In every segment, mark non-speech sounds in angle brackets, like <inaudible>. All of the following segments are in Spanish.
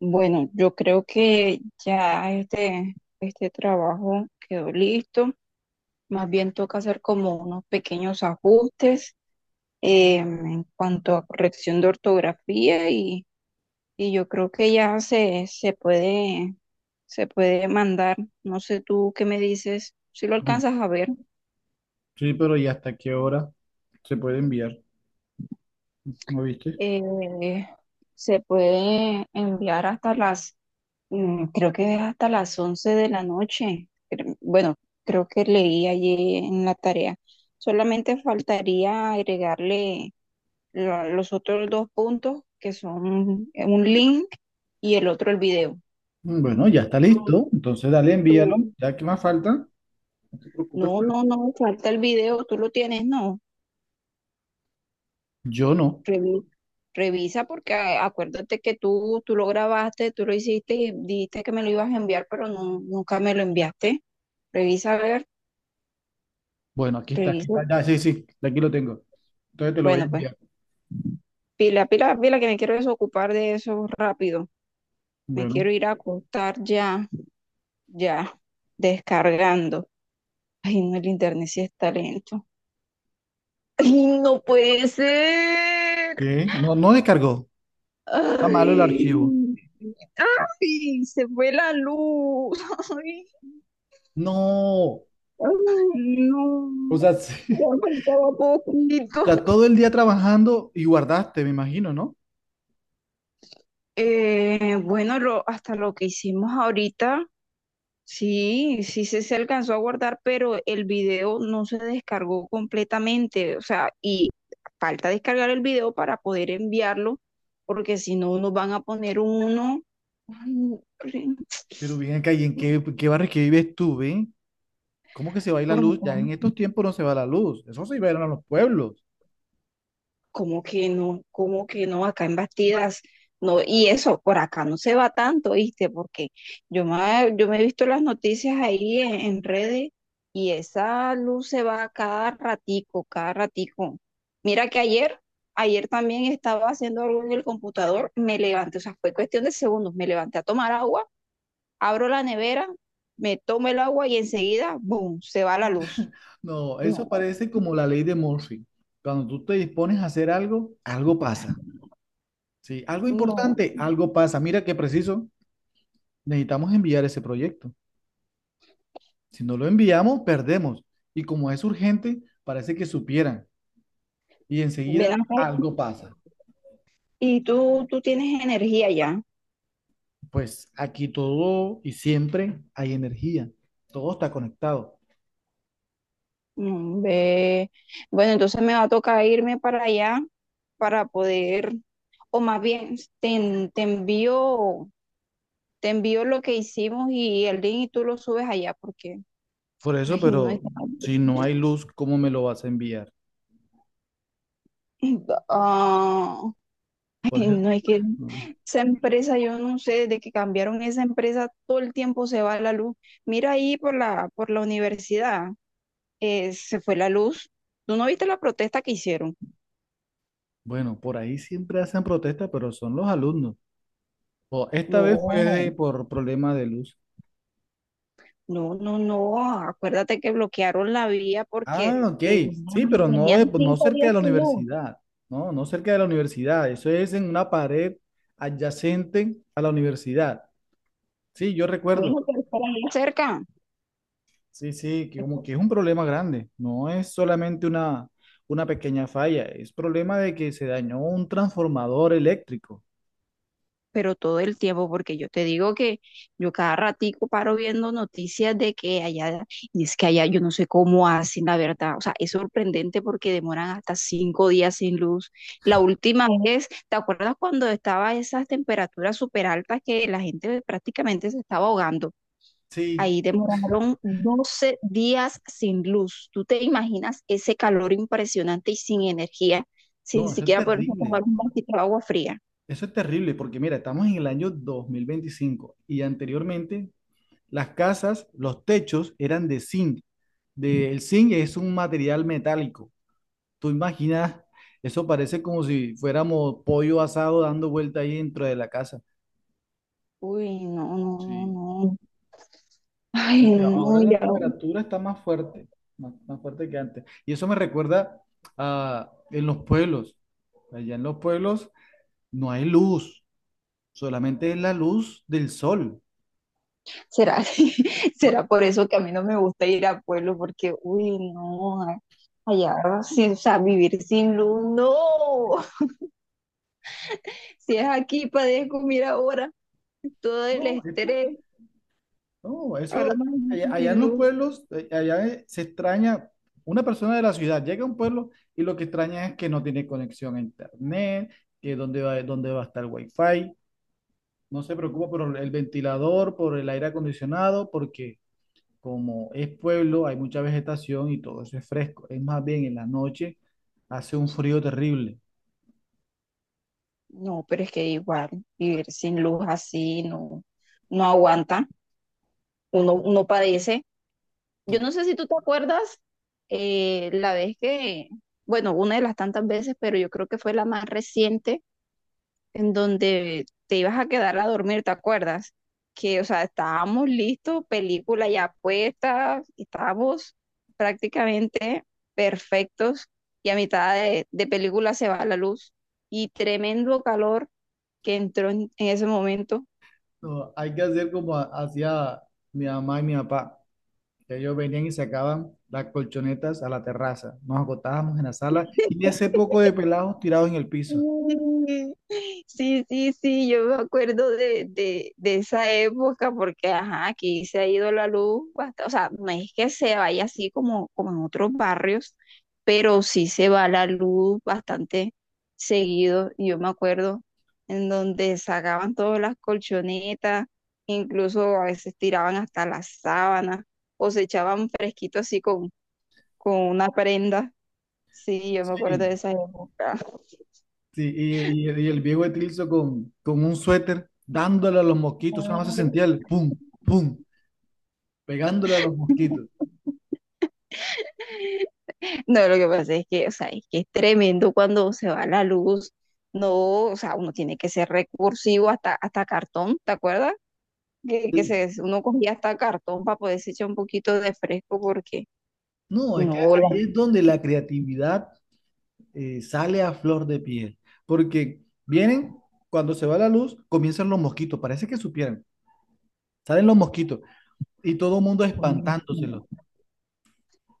Bueno, yo creo que ya este trabajo quedó listo. Más bien toca hacer como unos pequeños ajustes en cuanto a corrección de ortografía y yo creo que ya se puede mandar. No sé tú qué me dices, si lo alcanzas a ver. Sí, pero ¿y hasta qué hora se puede enviar? ¿No viste? eh, Se puede enviar hasta las... creo que es hasta las 11 de la noche. Pero bueno, creo que leí allí en la tarea. Solamente faltaría agregarle los otros dos puntos, que son un link y el otro el video. Bueno, ya está Tú- listo. Entonces dale, envíalo. tú- ¿Ya qué más falta? No te No, preocupes. no, no, falta el video, tú lo tienes, ¿no? Yo no. Revi- Revisa porque acuérdate que tú lo grabaste, tú lo hiciste y dijiste que me lo ibas a enviar, pero no, nunca me lo enviaste. Revisa a ver, Bueno, aquí está, aquí revisa. está. Ya, sí, sí, aquí lo tengo. Entonces te lo voy a Bueno, pues. enviar. Pila, pila, pila, que me quiero desocupar de eso rápido. Me Bueno. quiero ir a acostar ya, ya, descargando. Ay, no, el internet sí está lento. Ay, no puede ser. ¿Qué? No, no descargó. Está malo el Ay, archivo. ay, se fue la luz. Ay, No. ay, no. O sea, Ya sí. <laughs> faltaba poquito. O sea, todo el día trabajando y guardaste, me imagino, ¿no? Bueno, hasta lo que hicimos ahorita. Sí, se alcanzó a guardar, pero el video no se descargó completamente, o sea, y falta descargar el video para poder enviarlo, porque si no nos van a poner uno... Ay, no, Pero bien acá, ¿y <tsk> en no, qué, qué barrio que vives tú, ven? ¿Cómo que se va a ir la por luz? acá. Ya en estos tiempos no se va la luz. Eso se iba a ir a los pueblos. ¿Cómo que no? ¿Cómo que no? Acá en Bastidas, no, y eso, por acá no se va tanto, ¿viste? Porque yo me he visto las noticias ahí en redes y esa luz se va cada ratico, cada ratico. Mira que ayer, ayer también estaba haciendo algo en el computador, me levanté, o sea, fue cuestión de segundos, me levanté a tomar agua, abro la nevera, me tomo el agua y enseguida, ¡boom!, se va la luz. No, eso No, parece como la ley de Murphy. Cuando tú te dispones a hacer algo, algo pasa. Sí, algo no, importante, algo pasa. Mira qué preciso, necesitamos enviar ese proyecto. Si no lo enviamos, perdemos. Y como es urgente, parece que supieran. Y ven enseguida acá. algo pasa. Tú tienes energía ya. Pues aquí todo y siempre hay energía. Todo está conectado. Ve. Bueno, entonces me va a tocar irme para allá para poder, o más bien, te envío lo que hicimos y el link y tú lo subes allá porque... Por eso, ay, no es... pero si no hay luz, ¿cómo me lo vas a enviar? ah, Por ay, eso, no es que no. esa empresa, yo no sé, desde que cambiaron esa empresa, todo el tiempo se va la luz. Mira ahí por por la universidad, se fue la luz. ¿Tú no viste la protesta que hicieron? Bueno, por ahí siempre hacen protesta, pero son los alumnos. Oh, esta vez fue No, por problema de luz. no, no, no. Acuérdate que bloquearon la vía porque Ah, ok. Sí, tenían, pero no, tenían no cinco cerca días de la sin luz. universidad. No, no cerca de la universidad. Eso es en una pared adyacente a la universidad. Sí, yo recuerdo. Bueno, pero por ahí cerca. Sí, sí, que como que es un problema grande. No es solamente una pequeña falla. Es problema de que se dañó un transformador eléctrico. Pero todo el tiempo, porque yo te digo que yo cada ratico paro viendo noticias de que allá, y es que allá yo no sé cómo hacen, la verdad. O sea, es sorprendente porque demoran hasta 5 días sin luz. La última vez, ¿te acuerdas cuando estaba esas temperaturas súper altas que la gente prácticamente se estaba ahogando? Sí, Ahí demoraron 12 días sin luz. ¿Tú te imaginas ese calor impresionante y sin energía, sin no, eso es siquiera poder tomar terrible. un vasito de agua fría? Eso es terrible porque mira, estamos en el año 2025 y anteriormente las casas, los techos eran de zinc. De, el zinc es un material metálico. Tú imaginas, eso parece como si fuéramos pollo asado dando vuelta ahí dentro de la casa. Uy, no, no, no, <laughs> Sí. no. Ay, Aunque ahora no, la ya. temperatura está más fuerte, más, más fuerte que antes. Y eso me recuerda a en los pueblos. Allá en los pueblos no hay luz, solamente es la luz del sol. ¿Será, <laughs> será por eso que a mí no me gusta ir a pueblo? Porque, uy, no. Allá, sí, o sea, vivir sin luz, no. Si es aquí, padezco, mira ahora, todo el No, es estrés. No, eso, Ahora más allá sin en los luz. pueblos, allá se extraña, una persona de la ciudad llega a un pueblo y lo que extraña es que no tiene conexión a internet, que dónde va a estar el wifi, no se preocupa por el ventilador, por el aire acondicionado, porque como es pueblo, hay mucha vegetación y todo eso es fresco. Es más bien en la noche hace un frío terrible. No, pero es que igual vivir sin luz así no, no aguanta, uno, uno padece. Yo no sé si tú te acuerdas la vez que, bueno, una de las tantas veces, pero yo creo que fue la más reciente en donde te ibas a quedar a dormir, ¿te acuerdas? Que, o sea, estábamos listos, película ya puesta, estábamos prácticamente perfectos y a mitad de película se va la luz y tremendo calor que entró en ese momento. No, hay que hacer como hacía mi mamá y mi papá. Ellos venían y sacaban las colchonetas a la terraza. Nos acotábamos en la sala y ese poco de pelados tirados en el piso. Mm. Sí, sí, sí, yo me acuerdo de esa época porque, ajá, aquí se ha ido la luz bastante, o sea, no es que se vaya así como, como en otros barrios, pero sí se va la luz bastante seguido. Y yo me acuerdo en donde sacaban todas las colchonetas, incluso a veces tiraban hasta las sábanas o se echaban fresquito así con una prenda. Sí, yo me acuerdo Sí, de esa época. sí, y, y el viejo Etilso con un suéter dándole a los mosquitos. Nada más se sentía el pum, pum, pegándole a los mosquitos. No, lo que pasa es que, o sea, es que es tremendo cuando se va la luz. No, o sea, uno tiene que ser recursivo hasta cartón, ¿te acuerdas? Y- Uno cogía hasta cartón para poder echar un poquito de fresco porque... No, es que no, ahí es donde la creatividad sale a flor de piel. Porque vienen, cuando se va la luz, comienzan los mosquitos. Parece que supieran. Salen los mosquitos y todo el mundo espantándoselos.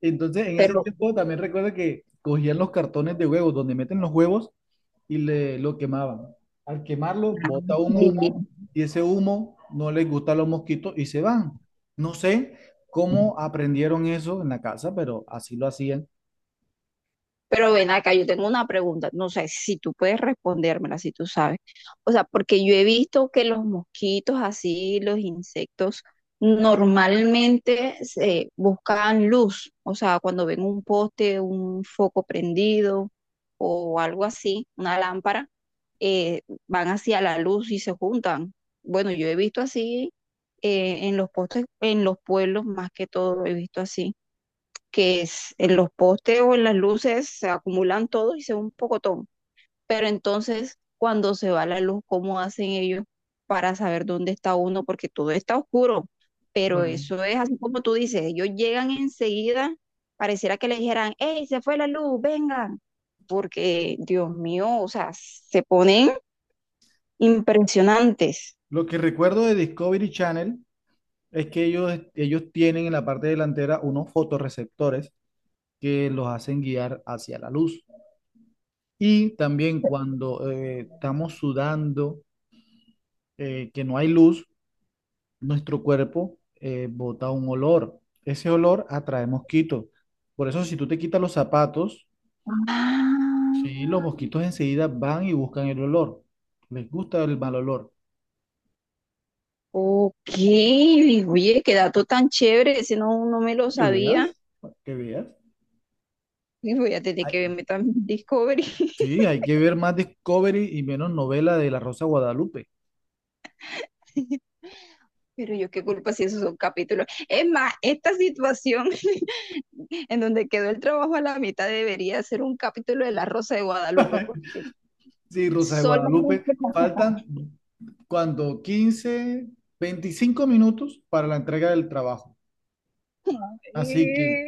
Entonces, en ese pero tiempo también recuerdo que cogían los cartones de huevos, donde meten los huevos y le, lo quemaban. Al quemarlo, ah, bota un sí. humo y ese humo no les gusta a los mosquitos y se van. No sé cómo aprendieron eso en la casa, pero así lo hacían. Pero ven acá, yo tengo una pregunta, no sé si tú puedes respondérmela, si tú sabes. O sea, porque yo he visto que los mosquitos, así, los insectos, normalmente se buscan luz. O sea, cuando ven un poste, un foco prendido o algo así, una lámpara, van hacia la luz y se juntan. Bueno, yo he visto así en los postes, en los pueblos más que todo, he visto así en los postes o en las luces se acumulan todos y se ve un pocotón. Pero entonces, cuando se va la luz, ¿cómo hacen ellos para saber dónde está uno? Porque todo está oscuro. Pero Bueno, eso es así como tú dices, ellos llegan enseguida, pareciera que le dijeran, ¡Ey, se fue la luz, vengan! Porque, Dios mío, o sea, se ponen impresionantes. lo que recuerdo de Discovery Channel es que ellos tienen en la parte delantera unos fotorreceptores que los hacen guiar hacia la luz. Y también cuando estamos sudando que no hay luz, nuestro cuerpo bota un olor. Ese olor atrae mosquitos. Por eso, si tú te quitas los zapatos, Ah, sí, los mosquitos enseguida van y buscan el olor. Les gusta el mal olor. ok, oye, qué dato tan chévere, ese no, no me lo Que veas, sabía. que veas. Y voy a tener que Ay, verme también Discovery. sí, hay que ver más Discovery y menos novela de la Rosa de Guadalupe. <laughs> Pero yo qué culpa si esos son capítulos. Es más, esta situación <laughs> en donde quedó el trabajo a la mitad debería ser un capítulo de La Rosa de Guadalupe, porque Sí, Rosa de Guadalupe. solamente... Faltan cuando 15 25 minutos para la entrega del trabajo. Así que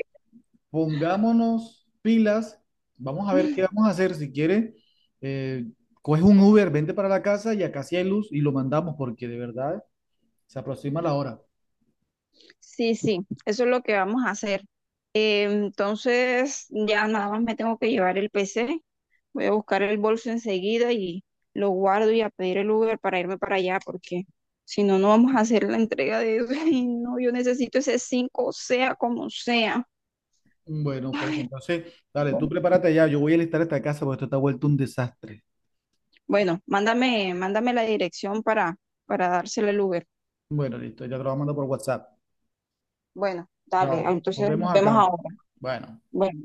pongámonos pilas, vamos a ver qué <laughs> vamos a hacer. Si quiere, eh, coge un Uber, vente para la casa y acá sí hay luz y lo mandamos porque de verdad se aproxima la hora. Sí, sí, eso es lo que vamos a hacer. Entonces, ya nada más me tengo que llevar el PC. Voy a buscar el bolso enseguida y lo guardo y a pedir el Uber para irme para allá, porque si no, no vamos a hacer la entrega de eso. <laughs> Ay, no, yo necesito ese 5 sea como sea. Bueno, pues Ay, entonces, dale, no. tú prepárate ya, yo voy a listar esta casa porque esto está vuelto un desastre. Bueno, mándame, mándame la dirección para dársela el Uber. Bueno, listo, ya te lo voy a mandar por WhatsApp. Bueno, dale, Chao, nos entonces nos vemos vemos acá. ahora. Bueno. Bueno.